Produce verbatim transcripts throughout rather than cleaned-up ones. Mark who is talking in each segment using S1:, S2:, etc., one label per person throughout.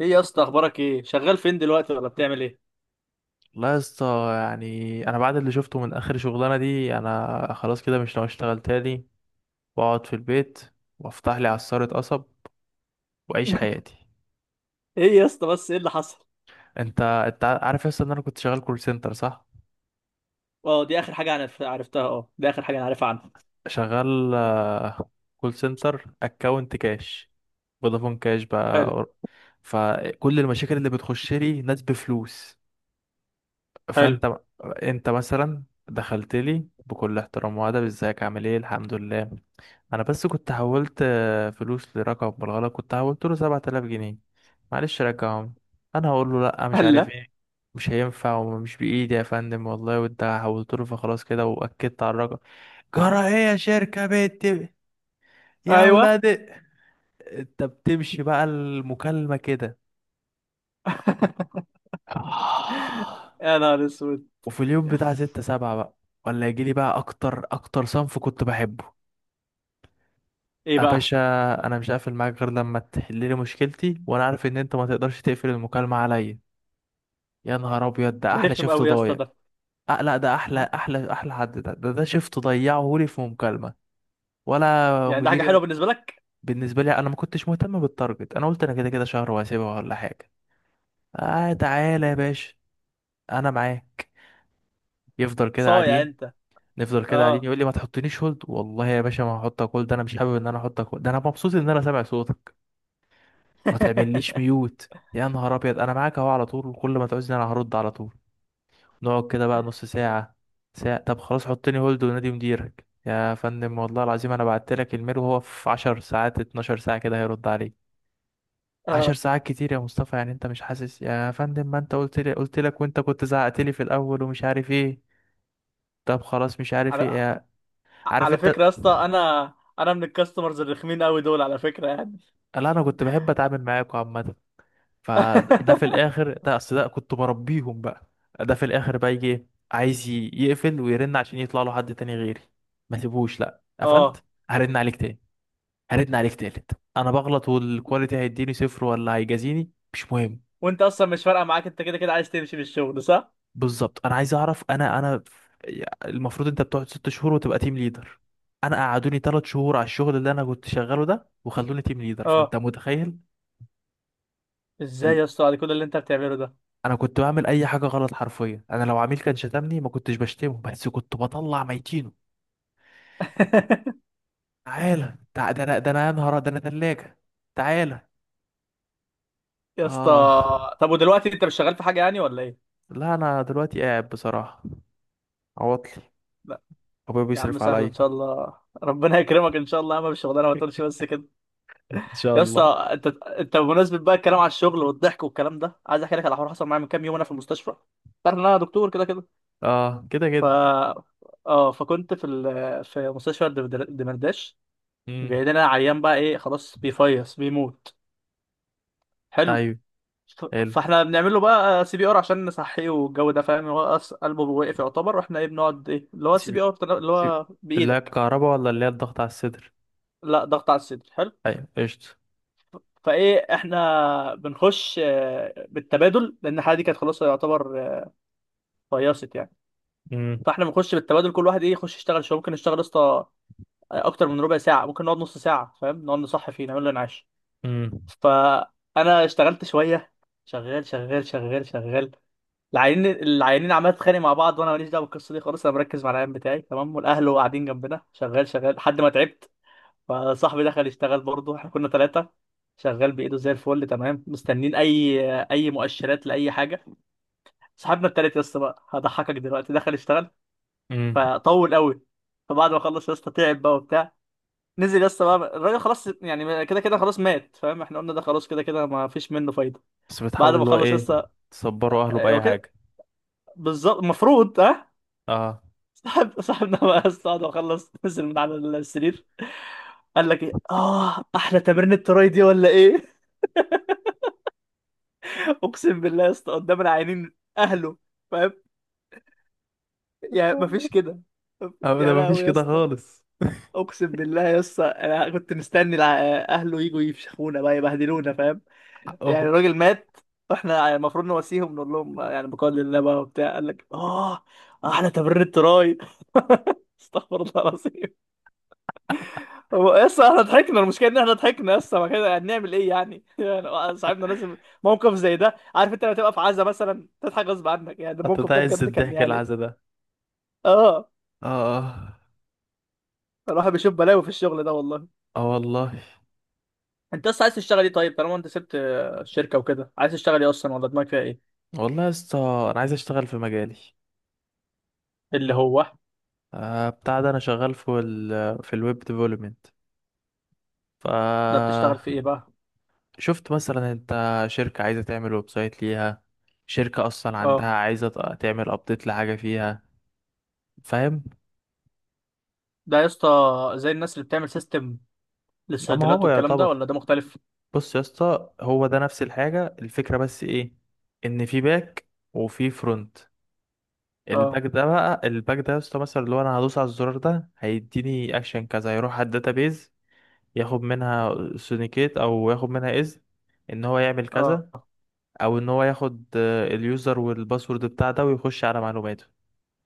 S1: ايه يا اسطى، اخبارك؟ ايه شغال فين دلوقتي ولا بتعمل ايه؟
S2: لا يا اسطى. يعني انا بعد اللي شفته من اخر شغلانه دي انا خلاص كده مش ناوي اشتغل تاني، واقعد في البيت، وافتح لي عصاره قصب، واعيش حياتي.
S1: ايه يا اسطى، بس ايه اللي حصل؟
S2: انت انت عارف يا اسطى ان انا كنت شغال كول سنتر صح؟
S1: اه دي اخر حاجه انا ف- عرفتها. اه دي اخر حاجه انا عارفها عنها.
S2: شغال، آه، كول سنتر اكونت كاش، فودافون كاش
S1: حلو.
S2: بقى. فكل المشاكل اللي بتخش لي ناس بفلوس.
S1: حلو.
S2: فانت انت مثلا دخلت لي بكل احترام وادب، ازيك عامل ايه الحمد لله. انا بس كنت حولت آه، فلوس لرقم بالغلط، كنت حولت له سبعة آلاف جنيه، معلش رجعهم. انا هقول له لا مش عارف
S1: هلا.
S2: ايه، مش هينفع ومش بايدي يا فندم والله، وانت حولت له فخلاص كده واكدت على الرقم. جرى ايه يا شركة بنت، يا
S1: ايوه.
S2: ولاد؟ انت بتمشي بقى المكالمة كده؟
S1: يا نهار اسود.
S2: وفي اليوم بتاع ستة سبعة بقى، ولا يجيلي بقى أكتر أكتر صنف كنت بحبه.
S1: ايه
S2: يا
S1: بقى؟
S2: باشا، أنا مش هقفل معاك غير لما تحللي مشكلتي، وأنا عارف إن أنت ما تقدرش تقفل المكالمة عليا. يا نهار أبيض ده
S1: ده
S2: أحلى
S1: رخم
S2: شفت
S1: قوي يا اسطى
S2: ضايع.
S1: ده.
S2: أه لا، ده أحلى أحلى أحلى حد، ده ده, ده شفت ضيعه لي في مكالمة ولا
S1: يعني ده حاجه حلوه
S2: مديري.
S1: بالنسبه لك؟
S2: بالنسبة لي أنا ما كنتش مهتم بالتارجت، أنا قلت أنا كده كده شهر وهسيبها ولا حاجة. آه تعالى يا باشا، أنا معاك. يفضل كده
S1: صايع
S2: قاعدين،
S1: انت.
S2: نفضل كده قاعدين،
S1: اه.
S2: يقول لي ما تحطنيش هولد، والله يا باشا ما هحطك هولد، انا مش حابب ان انا احطك هولد، ده انا مبسوط ان انا سامع صوتك. ما تعمليش ميوت يا نهار ابيض، انا معاك اهو على طول، وكل ما تعوزني انا هرد على طول. نقعد كده بقى نص ساعة، ساعة. طب خلاص حطني هولد ونادي مديرك يا فندم، والله العظيم انا بعت لك الميل وهو في 10 ساعات 12 ساعة كده هيرد عليك. 10
S1: اه.
S2: ساعات كتير يا مصطفى، يعني انت مش حاسس يا فندم؟ ما انت قلت لي قلت لك، وانت كنت زعقت لي في الاول ومش عارف ايه. طب خلاص مش عارف ايه
S1: على
S2: يا... عارف
S1: على
S2: انت؟
S1: فكره يا اسطى، انا انا من الكاستمرز الرخمين قوي دول على فكره يعني.
S2: لا انا كنت بحب اتعامل معاكم عامه، فده في الاخر، ده اصل ده كنت بربيهم بقى. ده في الاخر بقى يجي إيه؟ عايز ي- يقفل ويرن عشان يطلع له حد تاني غيري. ما سيبوش، لا
S1: اه.
S2: قفلت، هرن عليك تاني، هرن عليك تالت، انا بغلط والكواليتي هيديني صفر ولا هيجازيني مش مهم.
S1: وانت اصلا مش فارقه معاك، انت كده كده عايز تمشي من الشغل صح؟
S2: بالظبط انا عايز اعرف انا انا. المفروض انت بتقعد ست شهور وتبقى تيم ليدر، انا قعدوني تلات شهور على الشغل اللي انا كنت شغاله ده وخلوني تيم ليدر،
S1: اه.
S2: فانت متخيل.
S1: ازاي يا اسطى على كل اللي انت بتعمله ده؟
S2: انا كنت بعمل اي حاجه غلط حرفيا؟ انا لو عميل كان شتمني ما كنتش بشتمه، بس كنت بطلع ميتينه. تعالى تع... ده انا ده انا يا نهار، ده انا ثلاجه. تعالى.
S1: يا اسطى،
S2: اه
S1: طب ودلوقتي انت مش شغال في حاجه يعني ولا ايه؟
S2: لا، انا دلوقتي قاعد بصراحه، عواطلي،
S1: لا.
S2: ابويا
S1: يا عم
S2: بيصرف
S1: سهل ان
S2: عليا.
S1: شاء الله. ربنا يكرمك ان شاء الله يا عم بالشغلانه، ما تقولش بس كده.
S2: ان شاء
S1: يا اسطى،
S2: الله.
S1: انت انت بمناسبه بقى الكلام على الشغل والضحك والكلام ده، عايز احكي لك على حوار حصل معايا من كام يوم انا في المستشفى. تعرف ان انا دكتور كده كده.
S2: اه كده كده.
S1: ف اه فكنت في ال... في مستشفى الدمرداش.
S2: امم.
S1: جاي لنا عيان بقى، ايه خلاص بيفيص بيموت. حلو.
S2: ايوه، حلو.
S1: فاحنا بنعمل له بقى سي بي ار عشان نصحيه والجو ده فاهم. هو أص- قلبه وقف يعتبر، واحنا ايه بنقعد ايه اللي هو السي بي
S2: سيب،
S1: ار اللي
S2: سيب،
S1: هو
S2: اللي هي
S1: بايدك.
S2: الكهرباء ولا اللي هي الضغط على الصدر؟
S1: لا، ضغط على الصدر. حلو.
S2: ايوه قشطه.
S1: فايه احنا بنخش آه، بالتبادل لان الحاله دي كانت خلاص يعتبر آه، فيصت يعني.
S2: امم.
S1: فاحنا بنخش بالتبادل كل واحد ايه يخش يشتغل شويه، ممكن نشتغل يا اسطى آه، اكتر من ربع ساعه، ممكن نقعد نص ساعه فاهم، نقعد نصحي فيه نعمل له انعاش.
S2: امم.
S1: فانا اشتغلت شويه. شغال شغال شغال شغال. العيانين العيانين عمال تتخانق مع بعض وانا ماليش دعوه بالقصه دي خالص. انا مركز مع العيان بتاعي تمام والاهل قاعدين جنبنا، شغال شغال لحد ما تعبت. فصاحبي دخل يشتغل برضه، احنا كنا ثلاثه. شغال بايده زي الفل تمام، مستنين اي اي مؤشرات لاي حاجه. صاحبنا التالت يا اسطى بقى هضحكك دلوقتي دخل يشتغل.
S2: امم.
S1: فطول قوي. فبعد ما خلص يا اسطى تعب بقى وبتاع. نزل يا اسطى بقى الراجل، خلاص يعني كده كده خلاص مات فاهم، احنا قلنا ده خلاص كده كده ما فيش منه فايده.
S2: بس
S1: بعد
S2: بتحاولوا
S1: ما
S2: اللي هو
S1: خلص يا
S2: ايه،
S1: اسطى.
S2: تصبروا اهله
S1: هو
S2: باي
S1: كده.
S2: حاجه؟
S1: بالظبط المفروض، ها.
S2: اه.
S1: صاحب صاحبنا بقى استقعد واخلص نزل من على السرير. قال لك ايه؟ اه احلى تمرين التراي دي ولا ايه. اقسم بالله يا اسطى قدام العينين اهله. فاهم؟ يعني مفيش كده.
S2: ابدا
S1: يا
S2: مفيش
S1: لهوي يا
S2: كده
S1: اسطى.
S2: خالص.
S1: اقسم بالله يا اسطى، انا كنت مستني الع- اهله يجوا يفشخونا بقى يبهدلونا فاهم. يعني
S2: اهو.
S1: الراجل مات واحنا المفروض نواسيهم، نقول لهم يعني بقدر الله بقى وبتاع، قال لك اه احلى تمرين التراي. استغفر الله العظيم. هو يس احنا ضحكنا، المشكله ان احنا ضحكنا يس، ما كده هنعمل ايه يعني. يعني آه، صاحبنا لازم. موقف زي ده، عارف انت لما تبقى في عزا مثلا تضحك غصب عنك؟ يعني الموقف ده
S2: هتتعز
S1: بجد كان
S2: الضحك
S1: يعني.
S2: العزا ده؟
S1: اه.
S2: اه اه.
S1: الواحد بيشوف بلاوي في الشغل ده والله.
S2: آه والله.
S1: انت اصلا عايز تشتغل ايه طيب طالما انت سبت آه، الشركه وكده؟ عايز تشتغل ايه اصلا ولا دماغك فيها ايه؟
S2: والله يا اسطى، انا عايز اشتغل في مجالي.
S1: اللي هو.
S2: آه بتاع ده، انا شغال في ال، في الويب ديفلوبمنت. ف
S1: ده بتشتغل في ايه بقى؟
S2: شفت مثلا انت، شركة عايزة تعمل ويب سايت ليها، شركة اصلا عندها
S1: اه.
S2: عايزة ت- تعمل ابديت لحاجة فيها، فاهم.
S1: ده يا اسطى زي الناس اللي بتعمل سيستم
S2: اما
S1: للصيدليات
S2: هو
S1: والكلام ده
S2: يعتبر،
S1: ولا ده مختلف؟
S2: بص يا اسطى هو ده نفس الحاجة الفكرة، بس ايه، ان في باك وفي فرونت. الباك
S1: اه.
S2: ده بقى، الباك ده يا اسطى مثلا، اللي هو انا هدوس على الزرار ده هيديني اكشن كذا، هيروح على الداتابيز، ياخد منها سونيكيت او ياخد منها اذن ان هو يعمل كذا،
S1: اه.
S2: او ان هو ياخد آه، اليوزر والباسورد بتاع ده ويخش على معلوماته.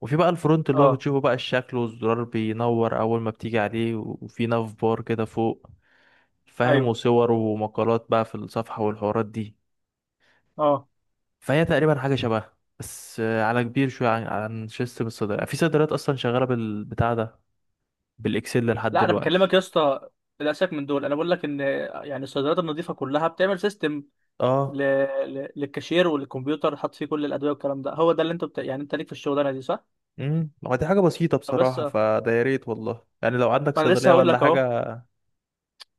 S2: وفي بقى الفرونت، اللي هو
S1: اه.
S2: بتشوفه بقى الشكل، والزرار بينور اول ما بتيجي عليه، وفي ناف بار كده فوق، فاهم،
S1: ايوه.
S2: وصور ومقالات بقى في الصفحة والحوارات دي.
S1: اه.
S2: فهي تقريبا حاجة شبهها، بس آه، على كبير شوية، عن عن سيستم الصيدلة، في صيدليات أصلا شغالة بالبتاع ده، بالاكسل لحد
S1: لا انا بكلمك يا
S2: دلوقتي.
S1: اسطى، للاسف من دول، انا بقول لك ان يعني الصيدليات النظيفه كلها بتعمل سيستم
S2: اه.
S1: ل... ل... للكاشير والكمبيوتر، حاط فيه كل الادويه والكلام ده، هو ده اللي انت بت... يعني انت ليك في الشغلانه دي صح؟
S2: امم. هو دي حاجه بسيطه
S1: فبس
S2: بصراحه،
S1: ما.
S2: فده يا ريت والله، يعني لو عندك
S1: انا لسه
S2: صيدليه
S1: هقول
S2: ولا
S1: لك اهو.
S2: حاجه.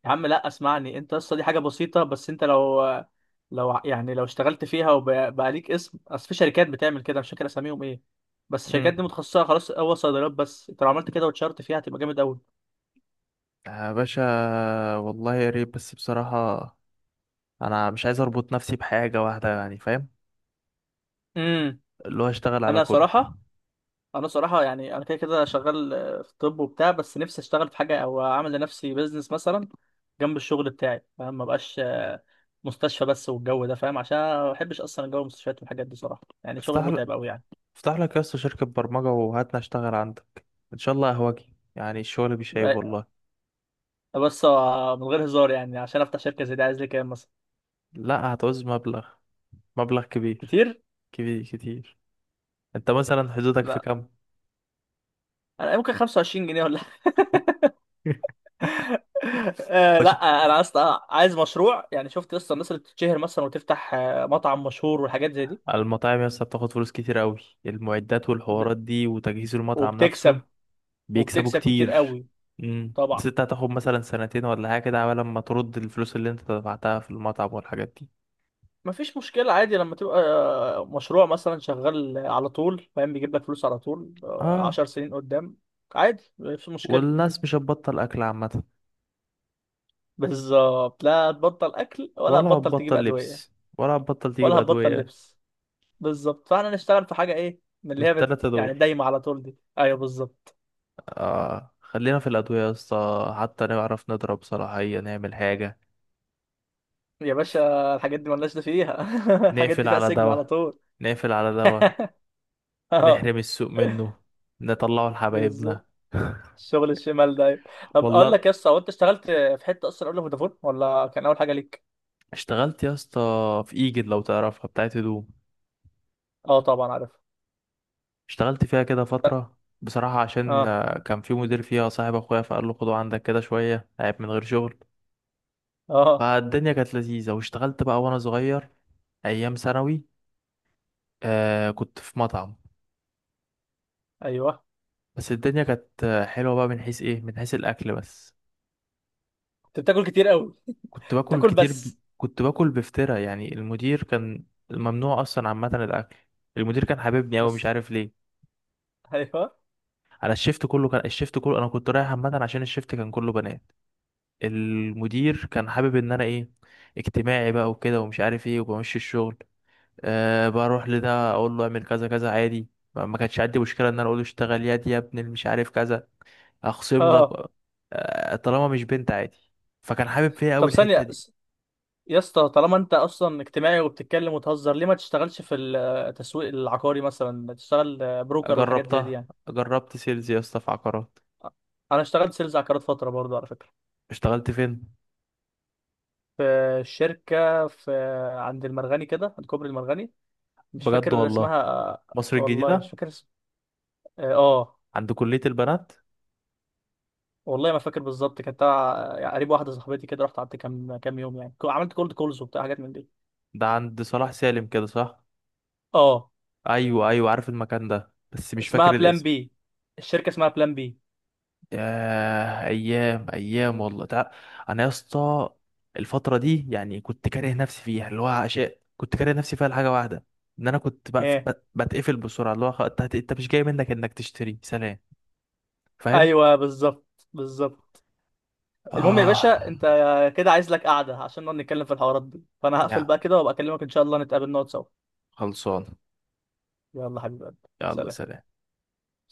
S1: يا عم لا اسمعني، انت اصلا دي حاجه بسيطه، بس انت لو لو ع- يعني لو اشتغلت فيها وبقى ليك اسم، اصل في شركات بتعمل كده مش فاكر اساميهم ايه، بس
S2: امم.
S1: الشركات دي متخصصه خلاص هو صيدليات بس، انت لو عملت كده واتشهرت فيها هتبقى جامد قوي.
S2: يا باشا، والله يا ريت، بس بصراحه انا مش عايز اربط نفسي بحاجه واحده، يعني فاهم،
S1: امم
S2: اللي هو اشتغل على
S1: انا
S2: كله.
S1: صراحه انا صراحه يعني انا كده كده شغال آه، في الطب وبتاع، بس نفسي اشتغل في حاجه او اعمل لنفسي بيزنس مثلا جنب الشغل بتاعي فاهم، ما بقاش آه، مستشفى بس والجو ده فاهم، عشان أنا ما بحبش اصلا جو المستشفيات والحاجات دي صراحه، يعني شغل
S2: افتح لك
S1: متعب قوي يعني.
S2: افتح لك يا اسطى شركه برمجه وهاتنا اشتغل عندك، ان شاء الله اهواجي، يعني الشغل بيشيب والله.
S1: بس آه، من غير هزار يعني، عشان افتح شركه زي دي عايز لي كام مثلا؟
S2: لا هتعوز مبلغ مبلغ كبير،
S1: كتير.
S2: كبير كتير. انت مثلا حدودك في
S1: لا
S2: كام؟
S1: انا ممكن خمسة وعشرين جنيه ولا. آه،
S2: باشا،
S1: لا انا اصلا عايز مشروع، يعني شفت اصلا الناس اللي بتتشهر مثلا وتفتح آه، مطعم مشهور والحاجات زي دي.
S2: المطاعم يا اسطى بتاخد فلوس كتير قوي، المعدات
S1: وب-
S2: والحوارات دي وتجهيز المطعم نفسه.
S1: وبتكسب.
S2: بيكسبوا
S1: وبتكسب كتير
S2: كتير.
S1: قوي.
S2: امم،
S1: طبعا.
S2: بس انت هتاخد مثلا سنتين ولا حاجه كده عبال ما ترد الفلوس اللي انت دفعتها في المطعم والحاجات دي.
S1: مفيش مشكلة عادي، لما تبقى آه، مشروع مثلا شغال على طول فاهم بيجيب لك فلوس على طول آه،
S2: اه.
S1: عشر سنين قدام. عادي مفيش مشكلة.
S2: والناس مش هتبطل اكل عامه،
S1: بالظبط، لا هتبطل أكل ولا
S2: ولا
S1: هتبطل تجيب
S2: هتبطل
S1: أدوية.
S2: لبس، ولا هتبطل تجيب
S1: ولا هتبطل
S2: ادويه.
S1: لبس. بالظبط، فاحنا نشتغل في حاجة إيه من اللي
S2: من
S1: هي بت...
S2: التلاته
S1: يعني
S2: دول،
S1: دايمة على طول دي، أيوه بالظبط.
S2: اه خلينا في الادويه يا اسطى، حتى نعرف نضرب صلاحيه نعمل حاجه.
S1: يا باشا الحاجات دي ملناش ده فيها. الحاجات
S2: نقفل
S1: دي فيها
S2: على
S1: سجن على
S2: دواء
S1: طول.
S2: نقفل على دواء،
S1: اه
S2: نحرم السوق منه، نطلعه لحبايبنا.
S1: بالظبط. الشغل الشمال ده، أيوة. طب اقول
S2: والله
S1: لك يا اسطى، هو انت اشتغلت في حته اصلا قبل فودافون ولا كان اول حاجه ليك؟
S2: اشتغلت يا اسطى في ايجد لو تعرفها، بتاعت هدوم.
S1: اه طبعا عارف.
S2: اشتغلت فيها كده فترة بصراحة، عشان
S1: اه.
S2: آه، كان في مدير فيها صاحب اخويا، فقال له خده عندك كده شوية عيب من غير شغل.
S1: اه.
S2: فالدنيا كانت لذيذة واشتغلت بقى وانا صغير، ايام ثانوي. آه كنت في مطعم،
S1: ايوه.
S2: بس الدنيا كانت آه، حلوة بقى، من حيث ايه، من حيث الاكل بس.
S1: انت بتاكل كتير قوي.
S2: كنت باكل
S1: بتاكل
S2: كتير، ب...
S1: بس.
S2: كنت باكل بفترة يعني، المدير كان ممنوع اصلا عامة الاكل. المدير كان حاببني اوي مش
S1: بس.
S2: عارف ليه،
S1: ايوه.
S2: على الشيفت كله، كان الشيفت كله انا كنت رايح عامة، عشان الشيفت كان كله بنات، المدير كان حابب ان انا ايه، اجتماعي بقى وكده ومش عارف ايه، وبمشي الشغل. أه بروح لده اقول له اعمل كذا كذا عادي. ما ما كانش عندي مشكلة ان انا اقول له اشتغل يدي يا ابني مش عارف كذا، اخصم لك.
S1: اه.
S2: أه طالما مش بنت عادي. فكان حابب فيا اوي
S1: طب
S2: الحتة
S1: ثانيه
S2: دي.
S1: س- يا اسطى طالما انت اصلا اجتماعي وبتتكلم وتهزر، ليه ما تشتغلش في التسويق العقاري مثلا؟ تشتغل بروكر والحاجات زي دي
S2: جربتها،
S1: يعني.
S2: جربت سيلز يا اسطى في عقارات.
S1: انا اشتغلت سيلز عقارات فتره برضو على فكره.
S2: اشتغلت فين؟
S1: في شركه في عند المرغني كده، عند كوبري المرغني. مش
S2: بجد
S1: فاكر
S2: والله.
S1: اسمها.
S2: مصر
S1: والله مش
S2: الجديدة،
S1: فاكر اسم. اه. آه،
S2: عند كلية البنات.
S1: والله ما فاكر بالظبط، كانت تبع يعني قريب واحده صاحبتي كده، رحت قعدت كام كام يوم يعني، عملت كولد كولز وبتاع حاجات من دي.
S2: ده عند صلاح سالم كده صح؟
S1: اه.
S2: ايوه ايوه، عارف المكان ده بس مش
S1: اسمها
S2: فاكر
S1: بلان
S2: الاسم.
S1: بي. الشركه اسمها بلان بي.
S2: ياه ايام ايام والله. تع... انا يا اسطى، الفترة دي يعني كنت كاره نفسي فيها، اللي هو عشاء، كنت كاره نفسي فيها لحاجة واحدة، ان انا كنت بقف...
S1: ايه
S2: بت- بتقفل بسرعة اللي هو خ- انت انت مش جاي منك انك تشتري سلام. فاهم.
S1: ايوه بالظبط. بالظبط. المهم يا
S2: اه،
S1: باشا، انت كده عايز لك قعده عشان نقعد نتكلم في الحوارات دي، فانا هقفل
S2: يا،
S1: بقى كده وابقى اكلمك ان شاء الله نتقابل نقعد سوا.
S2: خلصان.
S1: يلا حبيبي.
S2: يلا
S1: سلام.
S2: سلام.